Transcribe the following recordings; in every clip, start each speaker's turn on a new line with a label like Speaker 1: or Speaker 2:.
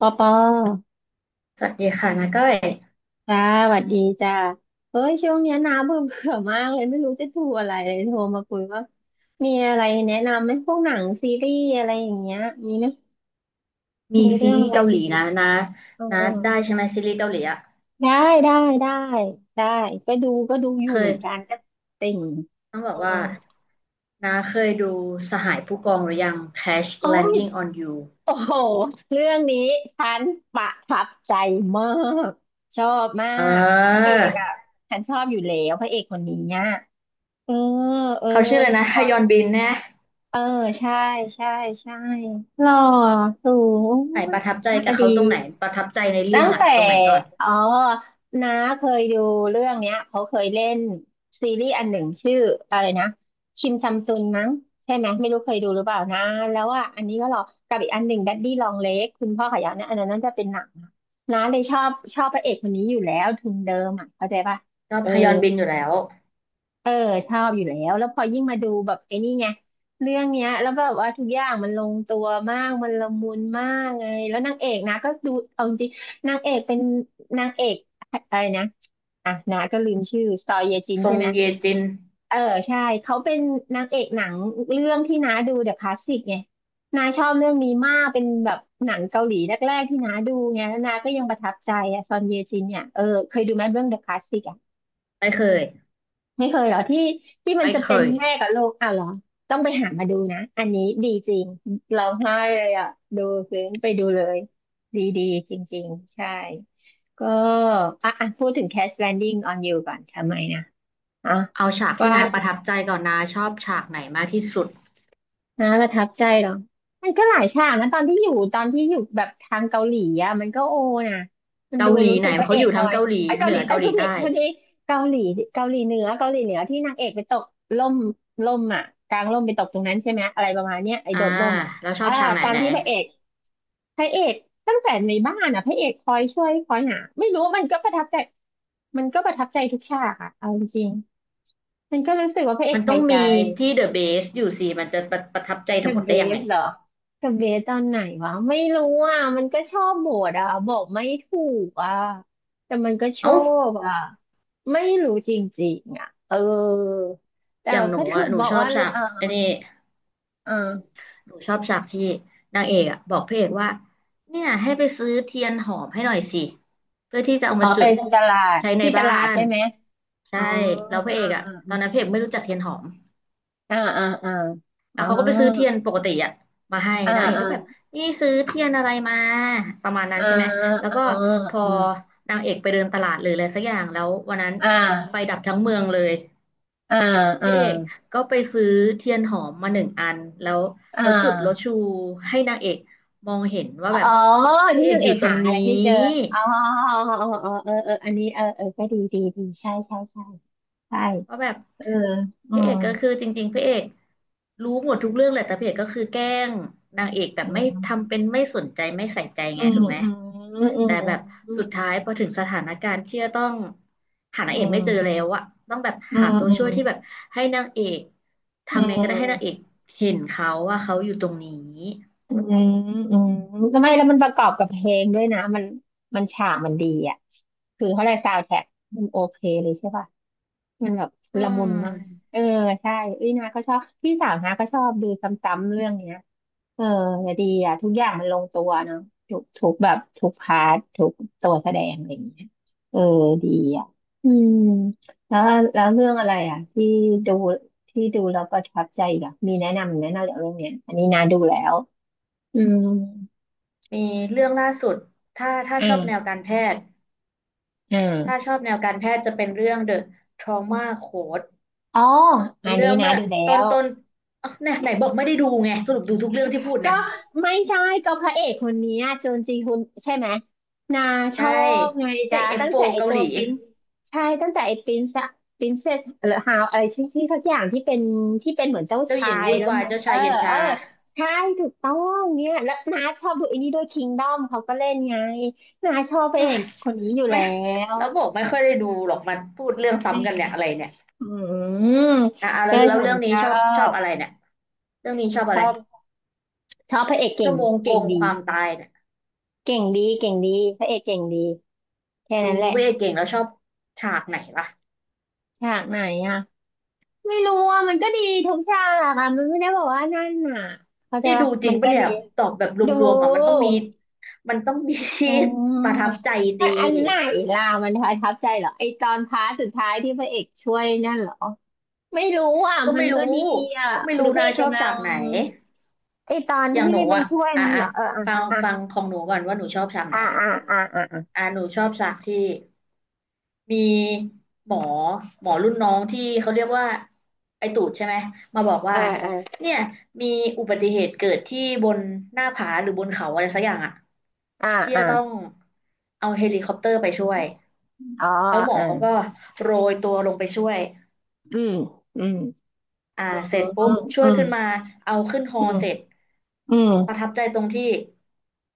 Speaker 1: ปอปอ
Speaker 2: สวัสดีค่ะนะก้อย
Speaker 1: จ้าสวัสดีจ้าเอ้ยช่วงเนี้ยน้าเบื่อเบื่อมากเลยไม่รู้จะดูอะไรเลยโทรมาคุยว่ามีอะไรแนะนำไหมพวกหนังซีรีส์อะไรอย่างเงี้ยมีไหม
Speaker 2: มี
Speaker 1: มี
Speaker 2: ซี
Speaker 1: เรื่อง
Speaker 2: รี
Speaker 1: อะ
Speaker 2: ส์
Speaker 1: ไร
Speaker 2: เกาหลี
Speaker 1: ชีวิต
Speaker 2: นะนะ
Speaker 1: เออ
Speaker 2: นะ
Speaker 1: เออ
Speaker 2: ได้ใช่ไหมซีรีส์เกาหลีอ่ะ
Speaker 1: ได้ได้ได้ได้ก็ดูอ
Speaker 2: เค
Speaker 1: ยู่เหมือนกัน
Speaker 2: ย
Speaker 1: นะติ่ง
Speaker 2: ต้องบอ
Speaker 1: เอ
Speaker 2: กว่า
Speaker 1: อ
Speaker 2: นะเคยดูสหายผู้กองหรือยัง Crash
Speaker 1: โอ้ย
Speaker 2: Landing on You
Speaker 1: โอ้โหเรื่องนี้ฉันประทับใจมากชอบมา
Speaker 2: เ
Speaker 1: กพระเอ
Speaker 2: ออ
Speaker 1: กอ่ะฉันชอบอยู่แล้วพระเอกคนนี้อ่ะเออเออ
Speaker 2: เขาชื่ออะไรนะฮยอนบินนะ
Speaker 1: เออใช่ใช่ใช่หล่อสูง
Speaker 2: ไหน
Speaker 1: โอ้
Speaker 2: ป
Speaker 1: ย
Speaker 2: ระทับใจ
Speaker 1: น่า
Speaker 2: กั
Speaker 1: จะ
Speaker 2: บ
Speaker 1: ดี
Speaker 2: เขาตรงไหนประทับใจในเรื่
Speaker 1: ตั้
Speaker 2: อ
Speaker 1: ง
Speaker 2: งอ่ะ
Speaker 1: แต่
Speaker 2: ตรงไหนก่อน
Speaker 1: อ๋อน้าเคยดูเรื่องเนี้ยเขาเคยเล่นซีรีส์อันหนึ่งชื่ออะไรนะคิมซัมซุนมั้งใช่ไหมไม่รู้เคยดูหรือเปล่านะแล้วอ่ะอันนี้ก็หล่อกับอีกอันหนึ่งดัดดี้ลองเลกคุณพ่อขยันนะอันนั้นน่าจะเป็นหนังนะน้าเลยชอบพระเอกคนนี้อยู่แล้วทุนเดิมอ่ะเข้าใจป่ะ
Speaker 2: ชอ
Speaker 1: เอ
Speaker 2: บ
Speaker 1: อ
Speaker 2: ฮยอนบินอยู่แล้ว
Speaker 1: เออชอบอยู่แล้วแล้วพอยิ่งมาดูแบบไอ้นี่ไงเรื่องเนี้ยแล้วแบบว่าทุกอย่างมันลงตัวมากมันละมุนมากไงแล้วนางเอกนะก็ดูเอาจริงนางเอกเป็นนางเอกอะไรนะอ่ะนะก็ลืมชื่อซอเยจิน
Speaker 2: ซ
Speaker 1: ใช่
Speaker 2: ง
Speaker 1: ไหม
Speaker 2: เยจิน
Speaker 1: เออใช่เขาเป็นนางเอกหนังเรื่องที่น้าดูเดอะคลาสสิกไงน้าชอบเรื่องนี้มากเป็นแบบหนังเกาหลีแรกๆที่น้าดูไงแล้วน้าก็ยังประทับใจอะซอนเยจินเนี่ยเออเคยดูไหมเรื่องเดอะคลาสสิก
Speaker 2: ไม่เคย
Speaker 1: ไม่เคยเหรอที่ที่มัน
Speaker 2: ไม่
Speaker 1: จะ
Speaker 2: เค
Speaker 1: เป็น
Speaker 2: ย
Speaker 1: แม่กับลูกอ้าวเหรอต้องไปหามาดูนะอันนี้ดีจริงร้องไห้เลยอ่ะดูซึ้งไปดูเลยดีดีจริงๆใช่ก็อ่ะอ่ะพูดถึง Crash Landing on You ก่อนทำไมนะอ่ะ
Speaker 2: เอาฉากที่
Speaker 1: ว่า
Speaker 2: นาประทับใจก่อนนาชอบฉากไหนมากที่สุด
Speaker 1: นะประทับใจเหรอมันก็หลายฉากนะตอนที่อยู่แบบทางเกาหลีอ่ะมันก็โอนะมันดู
Speaker 2: เกาหลี
Speaker 1: รู้
Speaker 2: ไห
Speaker 1: สึ
Speaker 2: น
Speaker 1: กพ
Speaker 2: เพราะ
Speaker 1: ระเอ
Speaker 2: เขาอ
Speaker 1: ก
Speaker 2: ยู่
Speaker 1: คอ
Speaker 2: ทั้ง
Speaker 1: ย
Speaker 2: เกาหลี
Speaker 1: ไอ้ยเกา
Speaker 2: เห
Speaker 1: ห
Speaker 2: นื
Speaker 1: ลี
Speaker 2: อ
Speaker 1: ไอ้
Speaker 2: เกา
Speaker 1: ย
Speaker 2: ห
Speaker 1: พู
Speaker 2: ลี
Speaker 1: ดผิด
Speaker 2: ใต้
Speaker 1: พูดผิดเกาหลีเกาหลีเหนือเกาหลีเหนือที่นางเอกไปตกล่มล่มอ่ะกลางล่มไปตกตรงนั้นใช่ไหมอะไรประมาณเนี้ยไอ้
Speaker 2: อ่า
Speaker 1: โดดล่มอ่ะ
Speaker 2: เราชอ
Speaker 1: อ่า
Speaker 2: บฉากไหน
Speaker 1: ตอน
Speaker 2: ไหน
Speaker 1: ที่พระเอกตั้งแต่ในบ้านอ่ะพระเอกคอยช่วยคอยหาไม่รู้มันก็ประทับใจมันก็ประทับใจทุกฉากอ่ะเอาจริงๆมันก็รู้สึกว่าพระเอก
Speaker 2: มันต้
Speaker 1: ใส่
Speaker 2: อง
Speaker 1: ใจ
Speaker 2: มีที่เดอะเบสอยู่สิมันจะประทับใจ
Speaker 1: เด
Speaker 2: ทั้ง
Speaker 1: อะ
Speaker 2: หมด
Speaker 1: เบ
Speaker 2: ได้ยังไง
Speaker 1: สเหรอเดอะเบสตอนไหนวะไม่รู้อ่ะมันก็ชอบโบดอ่ะบอกไม่ถูกอ่ะแต่มันก็ชอ
Speaker 2: เอ้า
Speaker 1: บอ่ะไม่รู้จริงๆอ่ะเออแต่
Speaker 2: อย่างห
Speaker 1: ก็
Speaker 2: นู
Speaker 1: ถึ
Speaker 2: อะ
Speaker 1: ง
Speaker 2: หนู
Speaker 1: บอก
Speaker 2: ชอบ
Speaker 1: ว่าเ่อ
Speaker 2: ฉาก
Speaker 1: อ่า
Speaker 2: ไอ้นี่
Speaker 1: อ่า
Speaker 2: หนูชอบฉากที่นางเอกอะบอกพระเอกว่าเนี่ยให้ไปซื้อเทียนหอมให้หน่อยสิเพื่อที่จะเอา
Speaker 1: อ๋อ
Speaker 2: มา
Speaker 1: ไป
Speaker 2: จุด
Speaker 1: ตลาด
Speaker 2: ใช้ใน
Speaker 1: ที่ต
Speaker 2: บ้า
Speaker 1: ลาด
Speaker 2: น
Speaker 1: ใช่ไหมอ๋
Speaker 2: ใช่
Speaker 1: อ
Speaker 2: แล้วพระเอกอะตอนนั้นพระเอกไม่รู้จักเทียนหอม
Speaker 1: อ่าอ่าอ่า
Speaker 2: อ่ะ
Speaker 1: อ่า
Speaker 2: เขาก็ไปซื้อเทียนปกติอะมาให้
Speaker 1: อ่า
Speaker 2: นางเอก
Speaker 1: อ่า
Speaker 2: ก็แบบนี่ซื้อเทียนอะไรมาประมาณนั้น
Speaker 1: อ่า
Speaker 2: ใช่ไหมแล้ว
Speaker 1: อ่า
Speaker 2: ก็
Speaker 1: อ
Speaker 2: พอ
Speaker 1: ่า
Speaker 2: นางเอกไปเดินตลาดหรืออะไรสักอย่างแล้ววันนั้น
Speaker 1: อ่
Speaker 2: ไฟ
Speaker 1: า
Speaker 2: ดับทั้งเมืองเลย
Speaker 1: อ่าอ่า
Speaker 2: พ
Speaker 1: อ่า
Speaker 2: ระเอกก็ไปซื้อเทียนหอมมาหนึ่งอันแล้ว
Speaker 1: อ่
Speaker 2: แล้วจุดแล้ว
Speaker 1: า
Speaker 2: ชูให้นางเอกมองเห็นว่า
Speaker 1: อ๋อ
Speaker 2: แบบพระ
Speaker 1: นี่
Speaker 2: เอก
Speaker 1: นาง
Speaker 2: อ
Speaker 1: เอ
Speaker 2: ยู่
Speaker 1: ก
Speaker 2: ตร
Speaker 1: หา
Speaker 2: ง
Speaker 1: อะ
Speaker 2: นี
Speaker 1: ไรไม่เจอ
Speaker 2: ้
Speaker 1: อ๋ออ๋ออ๋อเออเอออันนี้เออเออก็ดีดีดีใช่ใช่ใช่ใช่
Speaker 2: ว่าแบบ
Speaker 1: เอออื
Speaker 2: พระเอ
Speaker 1: ม
Speaker 2: กก็คือจริงๆพระเอกรู้หมดทุกเรื่องแหละแต่พระเอกก็คือแกล้งนางเอกแบ
Speaker 1: อื
Speaker 2: บไม่
Speaker 1: ม
Speaker 2: ทำเป็นไม่สนใจไม่ใส่ใจ
Speaker 1: อื
Speaker 2: ไง
Speaker 1: ม
Speaker 2: ถูกไหม
Speaker 1: อืม
Speaker 2: แต่แบบ
Speaker 1: อืม
Speaker 2: สุดท้ายพอถึงสถานการณ์ที่จะต้องหานา
Speaker 1: อื
Speaker 2: งเอกไม่เจอแล้
Speaker 1: ม
Speaker 2: วอะต้องแบบ
Speaker 1: อื
Speaker 2: หา
Speaker 1: มอืม
Speaker 2: ตัว
Speaker 1: อื
Speaker 2: ช่
Speaker 1: ม
Speaker 2: วยที่แบบให้นางเอก
Speaker 1: อื
Speaker 2: ทำัไงก็ได้ให้นางเอก
Speaker 1: ม
Speaker 2: เห็นเขาว่าเขาอยู่ตรงนี้
Speaker 1: อืมอืมก็ไมแล้วมันประกอบกับเพลงด้วยนะมันมันฉากมันดีอ่ะคือเขาเลยซาวด์แทร็กมันโอเคเลยใช่ป่ะมันแบบ
Speaker 2: อื
Speaker 1: ละมุนมาก
Speaker 2: ม
Speaker 1: เออใช่อุ้ยนาก็ชอบพี่สาวนาก็ชอบดูซ้ำๆเรื่องเนี้ยเออดีอ่ะทุกอย่างมันลงตัวเนาะทุกแบบทุกพาร์ททุกตัวแสดงอะไรอย่างเงี้ยเออดีอ่ะอืมแล้วแล้วเรื่องอะไรอ่ะที่ดูที่ดูแล้วประทับใจอีกอ่ะมีแนะนำจากเรื่องเนี้ยอันนี้นาดูแล้ว อืม
Speaker 2: มีเรื่องล่าสุดถ้าชอ
Speaker 1: อ่า
Speaker 2: บแนวการแพทย์
Speaker 1: อ่
Speaker 2: ถ้าช
Speaker 1: า
Speaker 2: อบแนวการแพทย์จะเป็นเรื่อง The Trauma Code
Speaker 1: อ๋อ
Speaker 2: เป็
Speaker 1: อั
Speaker 2: น
Speaker 1: น
Speaker 2: เรื่
Speaker 1: นี้
Speaker 2: อง
Speaker 1: นะ
Speaker 2: เมื่อ
Speaker 1: ดูแล้
Speaker 2: ต้น
Speaker 1: ว
Speaker 2: ต้นอ๋อเนี่ยไหนบอกไม่ได้ดูไงสรุปดูทุกเรื่องที่พูด
Speaker 1: ก็
Speaker 2: เนี่ย
Speaker 1: ไม่ใช่ก็พระเอกคนเนี้ยโจนจีฮุนใช่ไหมนาช
Speaker 2: ใช่
Speaker 1: อบไง
Speaker 2: พระ
Speaker 1: จ๊ะ
Speaker 2: เอก
Speaker 1: ตั้งแต่
Speaker 2: F4
Speaker 1: ไอ
Speaker 2: เกา
Speaker 1: ตั
Speaker 2: ห
Speaker 1: ว
Speaker 2: ลี
Speaker 1: ปรินใช่ตั้งแต่ไอปรินซะปรินเซสหรือฮาวอะไรที่ทุกอย่างที่เป็นเหมือนเจ้า
Speaker 2: เจ้าห
Speaker 1: ชา
Speaker 2: ญิง
Speaker 1: ย
Speaker 2: วุ่น
Speaker 1: แล้ว
Speaker 2: วาย
Speaker 1: มัน
Speaker 2: เจ้า
Speaker 1: เออ
Speaker 2: ชายเย็น
Speaker 1: เออ
Speaker 2: ชา
Speaker 1: ใช่ถูกต้องเนี่ยแล้วนาชอบดูไอันนี้ด้วยคิงดอมเขาก็เล่นไงนาชอบพระ
Speaker 2: โอ้
Speaker 1: เอ
Speaker 2: ย
Speaker 1: กคนนี้อยู่
Speaker 2: ไม่
Speaker 1: แล้ว
Speaker 2: แล้วบอกไม่ค่อยได้ดูหรอกมันพูดเรื่อง
Speaker 1: ไม่
Speaker 2: ซ้ำกัน
Speaker 1: เห็น
Speaker 2: เนี่ยอะไรเนี่ย
Speaker 1: อืม
Speaker 2: อ่ะแล้
Speaker 1: ก็
Speaker 2: วแล้ว
Speaker 1: ฉั
Speaker 2: เรื่
Speaker 1: น
Speaker 2: อง
Speaker 1: ช
Speaker 2: นี้
Speaker 1: อ
Speaker 2: ชอบชอบ
Speaker 1: บ
Speaker 2: อะไรเนี่ยเรื่องนี้ชอบ
Speaker 1: ช
Speaker 2: อะไร
Speaker 1: อบชอบพระเอกเก่
Speaker 2: ชั่
Speaker 1: ง
Speaker 2: วโมงโก
Speaker 1: เก่ง
Speaker 2: งค
Speaker 1: ดี
Speaker 2: วามตายเนี่ย
Speaker 1: เก่งดีพระเอกเก่งดีแค่
Speaker 2: ดู
Speaker 1: นั้นแหละ
Speaker 2: เว่เก่งแล้วชอบฉากไหนล่ะ
Speaker 1: ฉากไหนอ่ะไม่รู้อ่ะมันก็ดีทุกฉากอ่ะมันไม่ได้บอกว่านั่นน่ะเข้าใจ
Speaker 2: นี่ดู
Speaker 1: ปะ
Speaker 2: จริ
Speaker 1: มั
Speaker 2: ง
Speaker 1: นก็
Speaker 2: ปะเนี่
Speaker 1: ดี
Speaker 2: ยตอบแบบร
Speaker 1: ดู
Speaker 2: วมๆอ่ะมันต้องมี
Speaker 1: อืม
Speaker 2: ประทับใจ
Speaker 1: มั
Speaker 2: ดี
Speaker 1: นอันไหนล่ะมันประทับใจเหรอไอตอนพาร์ทสุดท้ายที่พระเอกช่วยนั่นเหรอไม่รู้อ่ะ
Speaker 2: ก็
Speaker 1: มั
Speaker 2: ไม่
Speaker 1: น
Speaker 2: รู้
Speaker 1: ก็ดีอ่ะ
Speaker 2: ก็ไม่
Speaker 1: หรื
Speaker 2: รู้
Speaker 1: อพระ
Speaker 2: นะ
Speaker 1: เอก
Speaker 2: ชอบ
Speaker 1: กำลั
Speaker 2: ฉา
Speaker 1: ง
Speaker 2: กไหน
Speaker 1: ไอตอน
Speaker 2: อย่าง
Speaker 1: ที่
Speaker 2: หนู
Speaker 1: ไป
Speaker 2: อ่ะ
Speaker 1: ช่วย
Speaker 2: อ่ะ
Speaker 1: มันเหร
Speaker 2: อ่ะ
Speaker 1: อเออ
Speaker 2: ฟัง
Speaker 1: อ่ะ
Speaker 2: ฟังของหนูก่อนว่าหนูชอบฉากไหน
Speaker 1: อ่ะอ่ะอ่ะอ่ะ
Speaker 2: อ่ะหนูชอบฉากที่ มีหมอหมอรุ่นน้องที่เขาเรียกว่าไอตูดใช่ไหมมาบอก
Speaker 1: อ่ะ
Speaker 2: ว่า
Speaker 1: อ่ะเออเออ
Speaker 2: เนี่ยมีอุบัติเหตุเกิดที่บนหน้าผาหรือบนเขาอะไรสักอย่างอะ
Speaker 1: อ่ะ
Speaker 2: ที่
Speaker 1: อ่ะ
Speaker 2: จะต้องเอาเฮลิคอปเตอร์ไปช่วย
Speaker 1: อ๋อ
Speaker 2: แล้วหม
Speaker 1: เอ
Speaker 2: อ
Speaker 1: อ
Speaker 2: เขาก็โรยตัวลงไปช่วย
Speaker 1: อืมอืม
Speaker 2: อ่า
Speaker 1: อ
Speaker 2: เสร็จ
Speaker 1: ื
Speaker 2: ปุ๊บ
Speaker 1: ม
Speaker 2: ช่
Speaker 1: อื
Speaker 2: วย
Speaker 1: ม
Speaker 2: ขึ้นมาเอาขึ้นฮอเสร็จ
Speaker 1: อื
Speaker 2: ประ
Speaker 1: ม
Speaker 2: ทับใจตรงที่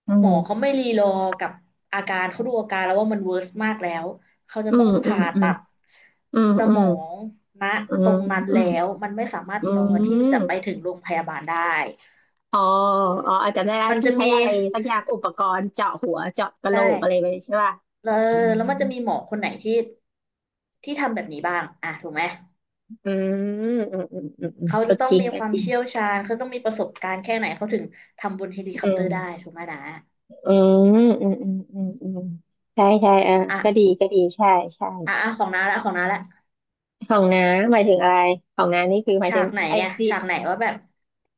Speaker 1: อื
Speaker 2: หมอเขา
Speaker 1: ม
Speaker 2: ไม่รีรอกับอาการเขาดูอาการแล้วว่ามันเวิร์สมากแล้วเขาจะ
Speaker 1: อื
Speaker 2: ต้อ
Speaker 1: ม
Speaker 2: ง
Speaker 1: อื
Speaker 2: ผ่า
Speaker 1: ม
Speaker 2: ตัด
Speaker 1: อืม
Speaker 2: ส
Speaker 1: อืมอื
Speaker 2: ม
Speaker 1: ม
Speaker 2: องณ
Speaker 1: อื
Speaker 2: ต
Speaker 1: ม
Speaker 2: รงนั้น
Speaker 1: อืม
Speaker 2: แล้วมันไม่สามารถ
Speaker 1: อื
Speaker 2: ร
Speaker 1: ม
Speaker 2: อที่
Speaker 1: อื
Speaker 2: จะไป
Speaker 1: ม
Speaker 2: ถึงโรงพยาบาลได้
Speaker 1: อ๋ออ๋ออาจจำได้แล้ว
Speaker 2: มัน
Speaker 1: ที่
Speaker 2: จะ
Speaker 1: ใช้
Speaker 2: มี
Speaker 1: อะไรสักอย่างอุปกรณ์เจาะหัวเจาะกะโหล
Speaker 2: ใช่
Speaker 1: กอะไรไปใช่ป่ะ
Speaker 2: แล้ว
Speaker 1: อืม
Speaker 2: แล้วมันจะมีหมอคนไหนที่ทำแบบนี้บ้างอ่ะถูกไหม
Speaker 1: อืมอืมอืมอืมอืม
Speaker 2: เขา
Speaker 1: ก็
Speaker 2: จะต้อ
Speaker 1: จ
Speaker 2: ง
Speaker 1: ริง
Speaker 2: มี
Speaker 1: ก็
Speaker 2: ควา
Speaker 1: จ
Speaker 2: ม
Speaker 1: ริง
Speaker 2: เชี่ยวชาญเขาต้องมีประสบการณ์แค่ไหนเขาถึงทำบนเฮลิ
Speaker 1: อื
Speaker 2: คอปเตอร์ได้
Speaker 1: ม
Speaker 2: ถูกไหมนะ
Speaker 1: อืมอืมอืมอืมอืมใช่ใช่อ่ะ
Speaker 2: อ่ะ
Speaker 1: ก็ดีก็ดีใช่ใช่
Speaker 2: อ่ะของน้าละ
Speaker 1: ของน้าหมายถึงอะไรของน้านี่คือหมาย
Speaker 2: ฉา
Speaker 1: ถึง
Speaker 2: กไหน
Speaker 1: ไอ
Speaker 2: ไง
Speaker 1: ซี
Speaker 2: ฉากไหนว่าแบบ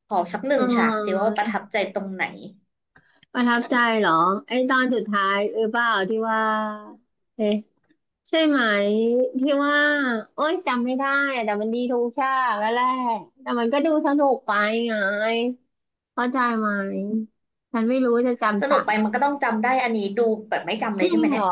Speaker 2: ขอสักหนึ่
Speaker 1: อ๋
Speaker 2: ง
Speaker 1: อ
Speaker 2: ฉากสิว่าประทับใจตรงไหน
Speaker 1: ประทับใจเหรอไอ้ตอนสุดท้ายเออเปล่าที่ว่าเอ๊ะใช่ไหมที่ว่าโอ๊ยจำไม่ได้อะแต่มันดีทุกฉากแล้วแหละแต่มันก็ดูสนุกไปไงเข้าใจไหมฉันไม่รู้จะ
Speaker 2: ส
Speaker 1: จำ
Speaker 2: นุ
Speaker 1: ฉา
Speaker 2: ก
Speaker 1: ก
Speaker 2: ไป
Speaker 1: ไหน
Speaker 2: มันก็ต้องจำได้อันนี้ดูแบบไม่จำ
Speaker 1: จ
Speaker 2: เลย
Speaker 1: ริ
Speaker 2: ใช่
Speaker 1: ง
Speaker 2: ไหม
Speaker 1: เหร
Speaker 2: เนี่ย
Speaker 1: อ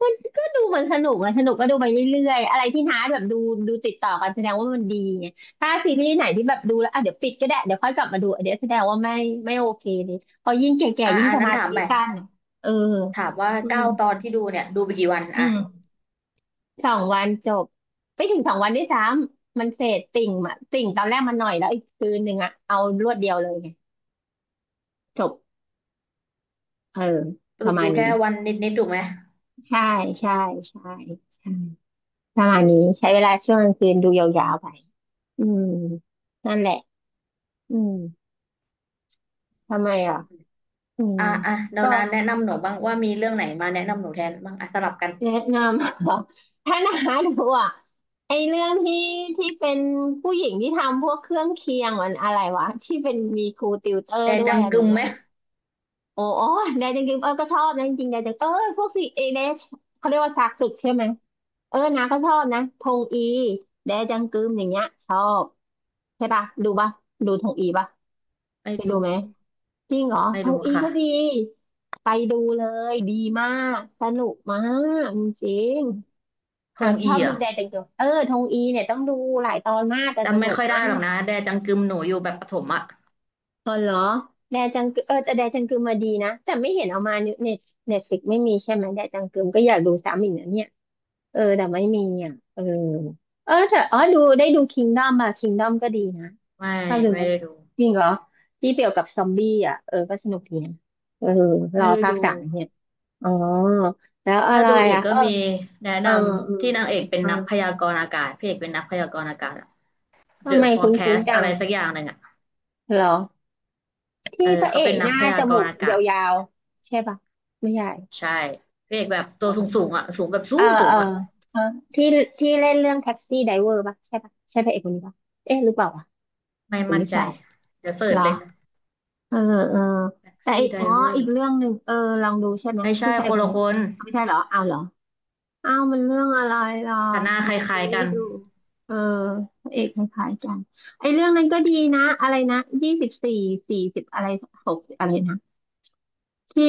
Speaker 1: ก็ก็ดูเหมือนสนุกอะสนุกก็ดูไปเรื่อยๆอะไรที่ท้าแบบดูดูติดต่อกันแสดงว่ามันดีไงถ้าซีรีส์ไหนที่แบบดูแล้วอ่ะเดี๋ยวปิดก็ได้เดี๋ยวค่อยกลับมาดูอันเดี๋ยวแสดงว่าไม่ไม่โอเคเลยพอยิ่งแก่
Speaker 2: อ่า
Speaker 1: ๆยิ่ง
Speaker 2: อ่ะ
Speaker 1: ส
Speaker 2: นั้น
Speaker 1: มา
Speaker 2: ถาม
Speaker 1: ธิ
Speaker 2: ไป
Speaker 1: สั้นอะเออ
Speaker 2: ถามว่า
Speaker 1: อืม
Speaker 2: เก้าตอนที่ดูเนี่ยดูไปกี่วัน
Speaker 1: อื
Speaker 2: อ่ะ
Speaker 1: มสองวันจบไม่ถึงสองวันด้วยซ้ำมันเสร็จติ่งอะติ่งตอนแรกมันหน่อยแล้วอีกคืนหนึ่งอะเอารวดเดียวเลยไงจบเออ
Speaker 2: ส
Speaker 1: ป
Speaker 2: รุ
Speaker 1: ระ
Speaker 2: ป
Speaker 1: มา
Speaker 2: ดู
Speaker 1: ณนี้
Speaker 2: แค่วันนิดถูกไหม
Speaker 1: ใช่ใช่ใช่ใช่ประมาณนี้ใช้เวลาช่วงกลางคืนดูยาวๆไป อืมนั่นแหละอืมทำไม
Speaker 2: อื
Speaker 1: อ่ะ
Speaker 2: ม
Speaker 1: อืม
Speaker 2: อ่ะอ่ะเดี๋ยว
Speaker 1: ก็
Speaker 2: น้าแนะนำหนูบ้างว่ามีเรื่องไหนมาแนะนำหนูแทนบ้างอ่ะสลับกัน
Speaker 1: แนะนำ ถ้านาดูอ่ะไอเรื่องที่ที่เป็นผู้หญิงที่ทำพวกเครื่องเคียงมันอะไรวะที่เป็นมีครูติวเตอร์
Speaker 2: แต่
Speaker 1: ด้วยอั
Speaker 2: จำ
Speaker 1: น
Speaker 2: กึ
Speaker 1: นั้
Speaker 2: ม
Speaker 1: น
Speaker 2: ไหม
Speaker 1: อะโอ้โอ้แดนจังกิมเออก็ชอบนะจริงๆแดนจังเออพวกสิเอเดชเขาเรียกว่าซากสึกใช่ไหมเออนาก็ชอบนะทงอีแดจังกึมอย่างเงี้ยชอบใช่ปะดูปะดูทงอีปะ
Speaker 2: ไม่
Speaker 1: ไปดู
Speaker 2: ดู
Speaker 1: ไหม จริงเหรอ
Speaker 2: ไม่
Speaker 1: ทอง
Speaker 2: ดู
Speaker 1: อี
Speaker 2: ค่ะ
Speaker 1: ก็ดีไปดูเลยดีมากสนุกมากจริงๆ
Speaker 2: ท
Speaker 1: อ่ะ
Speaker 2: ง
Speaker 1: ชอ
Speaker 2: อี
Speaker 1: บ
Speaker 2: เหร
Speaker 1: ดู
Speaker 2: อ
Speaker 1: แดจังเกิลเออทองอีเนี่ยต้องดูหลายตอนมากแต่ส
Speaker 2: จำ
Speaker 1: นุ
Speaker 2: ไม่
Speaker 1: ก
Speaker 2: ค่อย
Speaker 1: มา
Speaker 2: ได้หรอก
Speaker 1: ก
Speaker 2: นะแดจังกึมหนูอยู่แบบประถมอะ
Speaker 1: อ๋อเหรอแดจังกึมเออแต่แดจังกึมมาดีนะแต่ไม่เห็นเอามาเน็ตเน็ตฟิกไม่มีใช่ไหมแดจังกึมก็อยากดูซ้ำอีกนะเนี่ยเออแต่ไม่มีอ่ะเออเออแต่อ๋อดูได้ดูคิงดอมมาคิงดอมก็ดีนะ
Speaker 2: ไม่
Speaker 1: ชอบดู
Speaker 2: ไม่
Speaker 1: ไหม
Speaker 2: ได้ดู
Speaker 1: จริงเหรอที่เกี่ยวกับซอมบี้อ่ะเออก็สนุกดีนะเออร
Speaker 2: ไม่
Speaker 1: อ
Speaker 2: ได้
Speaker 1: ภาค
Speaker 2: ดู
Speaker 1: 3เนี่ย อ๋อแล้วอะ
Speaker 2: ถ้า
Speaker 1: ไร
Speaker 2: ดูเอีก
Speaker 1: อ่ะ
Speaker 2: ก็
Speaker 1: เออ
Speaker 2: มีแนะ
Speaker 1: เอ
Speaker 2: น
Speaker 1: ออื
Speaker 2: ำ
Speaker 1: ม
Speaker 2: ที่นางเอกเป็น
Speaker 1: เออ
Speaker 2: นักพยากรณ์อากาศพระเอกเป็นนักพยากรณ์อากาศอะ
Speaker 1: ทำ
Speaker 2: The
Speaker 1: ไมคุ้น
Speaker 2: Forecast
Speaker 1: ๆจั
Speaker 2: อะ
Speaker 1: ง
Speaker 2: ไรสักอย่างหนึ่งอะ
Speaker 1: เหรอที่
Speaker 2: เออ
Speaker 1: พระเอ
Speaker 2: เขาเป็
Speaker 1: ก
Speaker 2: น
Speaker 1: ห
Speaker 2: นัก
Speaker 1: น้า
Speaker 2: พ
Speaker 1: จ
Speaker 2: ยาก
Speaker 1: มู
Speaker 2: ร
Speaker 1: ก
Speaker 2: ณ์อากาศ
Speaker 1: ยาวๆใช่ปะไม่ใช่
Speaker 2: ใช่พระเอกแบบตั
Speaker 1: อ๋
Speaker 2: ว
Speaker 1: อ
Speaker 2: สูงสูงอะสูงแบบสู
Speaker 1: เออ
Speaker 2: งสู
Speaker 1: เอ
Speaker 2: ง
Speaker 1: อ
Speaker 2: อะ
Speaker 1: เออที่ที่เล่นเรื่องแท็กซี่ไดเวอร์ปะใช่ปะใช่พระเอกคนนี้ปะเอ๊ะหรือเปล่าวะ
Speaker 2: ไม่
Speaker 1: หรือ
Speaker 2: มั่น
Speaker 1: ไม่
Speaker 2: ใจ
Speaker 1: ใช่
Speaker 2: เดี๋ยวเสิ
Speaker 1: เห
Speaker 2: ร์
Speaker 1: ร
Speaker 2: ช
Speaker 1: อ
Speaker 2: เลย
Speaker 1: เออเออแต่อีก
Speaker 2: Taxi
Speaker 1: อ๋ออีก
Speaker 2: Driver
Speaker 1: เรื่องหนึ่งเออลองดูใช่ไหม
Speaker 2: ไม่
Speaker 1: ผู้
Speaker 2: ใช่
Speaker 1: ชาย
Speaker 2: ค
Speaker 1: ค
Speaker 2: น
Speaker 1: น
Speaker 2: ละ
Speaker 1: นี้
Speaker 2: คน
Speaker 1: ไม่ใช่เหรอเอาเหรอ อ้าวมันเรื่องอะไรล่ะ
Speaker 2: แต่หน้า
Speaker 1: ทำ
Speaker 2: คล
Speaker 1: ไมฉัน
Speaker 2: ้าย
Speaker 1: ไม่
Speaker 2: ๆกั
Speaker 1: ได้
Speaker 2: น
Speaker 1: ดูเออพระเอกคล้ายๆกันไอ้เรื่องนั้นก็ดีนะอะไรนะ2440อะไร6อะไรนะที่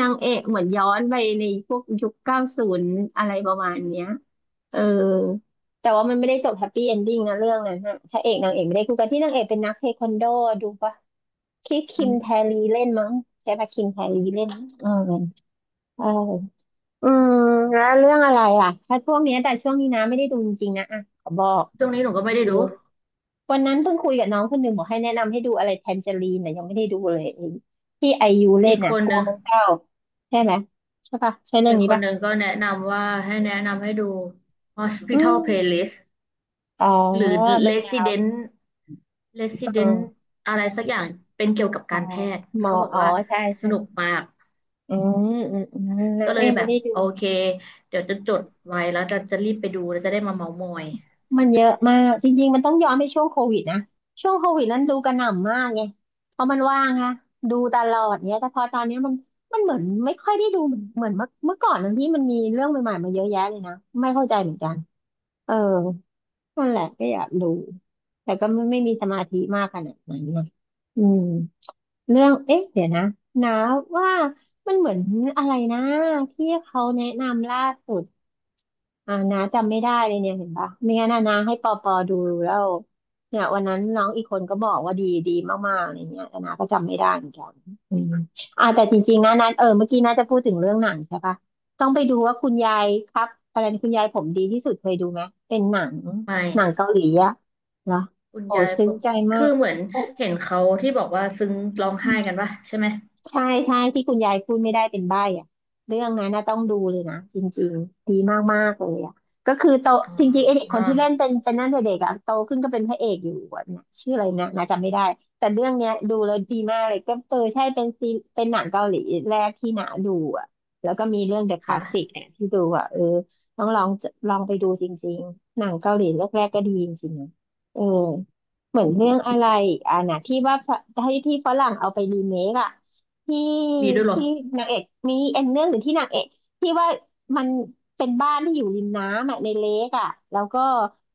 Speaker 1: นางเอกเหมือนย้อนไปในพวกยุค90อะไรประมาณเนี้ยเออแต่ว่ามันไม่ได้จบแฮปปี้เอนดิ้งนะเรื่องนั้นนะพระเอกนางเอกไม่ได้คู่กันที่นางเอกเป็นนักเทควันโดดูปะคิด
Speaker 2: อื
Speaker 1: คิมแท
Speaker 2: ม
Speaker 1: รีเล่นมั้งใช่ปะคิมแทรีเล่นมั้งเออเออ อืมแล้วเรื่องอะไรอ่ะถ้าช่วงเนี้ยแต่ช่วงนี้นะไม่ได้ดูจริงๆนะอ่ะขอบอก
Speaker 2: ช่วงนี้หนูก็ไม่ได้
Speaker 1: ดู
Speaker 2: ดู
Speaker 1: วันนั้นเพิ่งคุยกับน้องคนหนึ่งบอกให้แนะนำให้ดูอะไรแทนเจอรีนนะยังไม่ได้ดูเลยไอ้ที่ไอยูเล่
Speaker 2: อี
Speaker 1: น
Speaker 2: กค
Speaker 1: นะ
Speaker 2: น
Speaker 1: กลั
Speaker 2: ห
Speaker 1: ว
Speaker 2: นึ่ง
Speaker 1: ไมัเศร้าใช่ไหมใช่ปะใช่เรื่อ
Speaker 2: อี
Speaker 1: ง
Speaker 2: ก
Speaker 1: นี้
Speaker 2: คน
Speaker 1: ปะ
Speaker 2: หนึ่งก็แนะนำว่าให้แนะนำให้ดู
Speaker 1: อื
Speaker 2: Hospital
Speaker 1: ม
Speaker 2: Playlist
Speaker 1: อ๋อ
Speaker 2: หรือ
Speaker 1: มันยัง
Speaker 2: resident resident
Speaker 1: ออ
Speaker 2: อะไรสักอย่างเป็นเกี่ยวกับ
Speaker 1: อ๋อ
Speaker 2: การแพทย์
Speaker 1: หมอ
Speaker 2: เขาบอก
Speaker 1: อ๋อ
Speaker 2: ว่า
Speaker 1: ใช่
Speaker 2: สนุก
Speaker 1: ใช่
Speaker 2: มาก
Speaker 1: อืมอืมอืมนะ
Speaker 2: ก็เล
Speaker 1: ก็
Speaker 2: ย
Speaker 1: ยัง
Speaker 2: แบ
Speaker 1: ไม่
Speaker 2: บ
Speaker 1: ได้ดู
Speaker 2: โอเคเดี๋ยวจะจดไว้แล้วจะรีบไปดูแล้วจะได้มาเมาท์มอย
Speaker 1: มันเยอะมากจริงๆมันต้องย้อนไปช่วงโควิดนะช่วงโควิดนั้นดูกระหน่ำมากไงเพราะมันว่างค่ะดูตลอดเนี้ยแต่พอตอนเนี้ยมันเหมือนไม่ค่อยได้ดูเหมือนเมื่อก่อนนั้นที่มันมีเรื่องใหม่ๆมาเยอะแยะเลยนะไม่เข้าใจเหมือนกันเออนั่นแหละก็อยากดูแต่ก็ไม่ไม่มีสมาธิมากขนาดนั้นนะอืม เรื่องเอ๊ะเดี๋ยวนะนะว่ามันเหมือนอะไรนะที่เขาแนะนำล่าสุดอ่านะจำไม่ได้เลยเนี่ยเห็นปะไม่งั้นนะนะให้ปอปอดูแล้วเนี่ยวันนั้นน้องอีกคนก็บอกว่าดีดีมากๆอะไรเงี้ยแต่นะก็จำไม่ได้เหมือนกันอืมอ่าแต่จริงๆนะนะเออเมื่อกี้นะจะพูดถึงเรื่องหนังใช่ปะต้องไปดูว่าคุณยายครับอะไรนะคุณยายผมดีที่สุดเคยดูไหมเป็นหนัง
Speaker 2: ไม่
Speaker 1: หนังเกาหลีอะเหรอ
Speaker 2: คุณ
Speaker 1: โอ้
Speaker 2: ยายผ
Speaker 1: ซึ้ง
Speaker 2: ม
Speaker 1: ใจมา
Speaker 2: คือ
Speaker 1: ก
Speaker 2: เหมือนเห็นเขาที่บอกว่าซึ้งร้องไห้กันปะใช่ไหม
Speaker 1: ใช่ใช่ที่คุณยายพูดไม่ได้เป็นใบ้อะเรื่องนั้นนะต้องดูเลยนะจริงๆดีมากๆเลยอ่ะก็คือโต
Speaker 2: อ๋
Speaker 1: จริงๆไอเด็กค
Speaker 2: อ
Speaker 1: นที่เล่นเป็นเป็นนั่นแต่เด็กอ่ะโตขึ้นก็เป็นพระเอกอยู่อะนะชื่ออะไรนะนะจำไม่ได้แต่เรื่องเนี้ยดูแล้วดีมากเลยก็เออใช่เป็นซีเป็นหนังเกาหลีแรกที่หนาดูอ่ะแล้วก็มีเรื่อง The Classic
Speaker 2: ค่ะ
Speaker 1: เนี่ยที่ดูอ่ะเออต้องลองลองไปดูจริงๆหนังเกาหลีแรกๆก็ดีจริงๆนะเออเหมือนเรื่องอะไรอ่ะนะที่ว่าพระที่ที่ฝรั่งเอาไปรีเมคอ่ะ ที่
Speaker 2: มีด้วยเหรอ
Speaker 1: ที่นางเอกมีเอ็นเรื่องหรือที่นางเอกที่ว่ามันเป็นบ้านที่อยู่ริมน้ำอ่ะในเลกอ่ะแล้วก็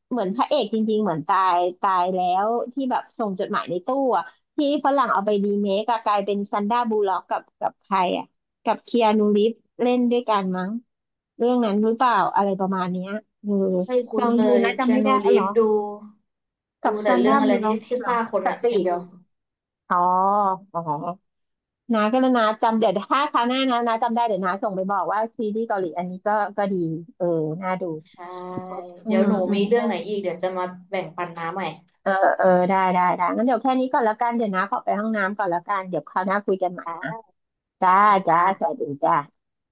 Speaker 1: เหมือนพระเอกจริงๆเหมือนตายตายแล้วที่แบบส่งจดหมายในตู้อ่ะที่ฝรั่งเอาไปรีเมคอะกลายเป็นซันดราบูลล็อกกับกับใครอ่ะกับเคียนูรีฟเล่นด้วยกันมั้งเรื่องนั้นหรือเปล่าอะไรประมาณเนี้ยเออ
Speaker 2: ไม่
Speaker 1: ล
Speaker 2: คุ้
Speaker 1: อ
Speaker 2: น
Speaker 1: ง
Speaker 2: เล
Speaker 1: ดู
Speaker 2: ย
Speaker 1: นะจำ
Speaker 2: แคี
Speaker 1: ไม่ได้
Speaker 2: นู
Speaker 1: อ๋อ
Speaker 2: รี
Speaker 1: เหรอ
Speaker 2: ฟดูดู
Speaker 1: กับ
Speaker 2: แต่
Speaker 1: ซันด
Speaker 2: เรื่
Speaker 1: รา
Speaker 2: องอะไร
Speaker 1: บูลล็
Speaker 2: ที่
Speaker 1: อก
Speaker 2: ที่
Speaker 1: เหรอ
Speaker 2: ฆ่าคน
Speaker 1: ส
Speaker 2: อะอ
Speaker 1: ปี
Speaker 2: ย่าง
Speaker 1: ด
Speaker 2: เดียว
Speaker 1: อ๋ออ๋อ นาก็แล้วนะจำเดี๋ยวถ้าคราวหน้านะนาจำได้เดี๋ยวนาส่งไปบอกว่าซีรีส์เกาหลีอันนี้ก็ก็ดีเออน่าดู
Speaker 2: ใช่
Speaker 1: อื
Speaker 2: เดี๋ยว
Speaker 1: ม
Speaker 2: หนู
Speaker 1: อื
Speaker 2: มี
Speaker 1: ม
Speaker 2: เรื่องไหนอีกเดี๋ยวจะมาแบ่งปันน้าใหม่
Speaker 1: เออเออได้ได้ได้งั้นเดี๋ยวแค่นี้ก่อนละกันเดี๋ยวนะขอไปห้องน้ำก่อนละกันเดี๋ยวคราวหน้าคุยกันใหม่นะจ้า
Speaker 2: ค
Speaker 1: จ้าสวัส
Speaker 2: ่ะ
Speaker 1: ดีจ้า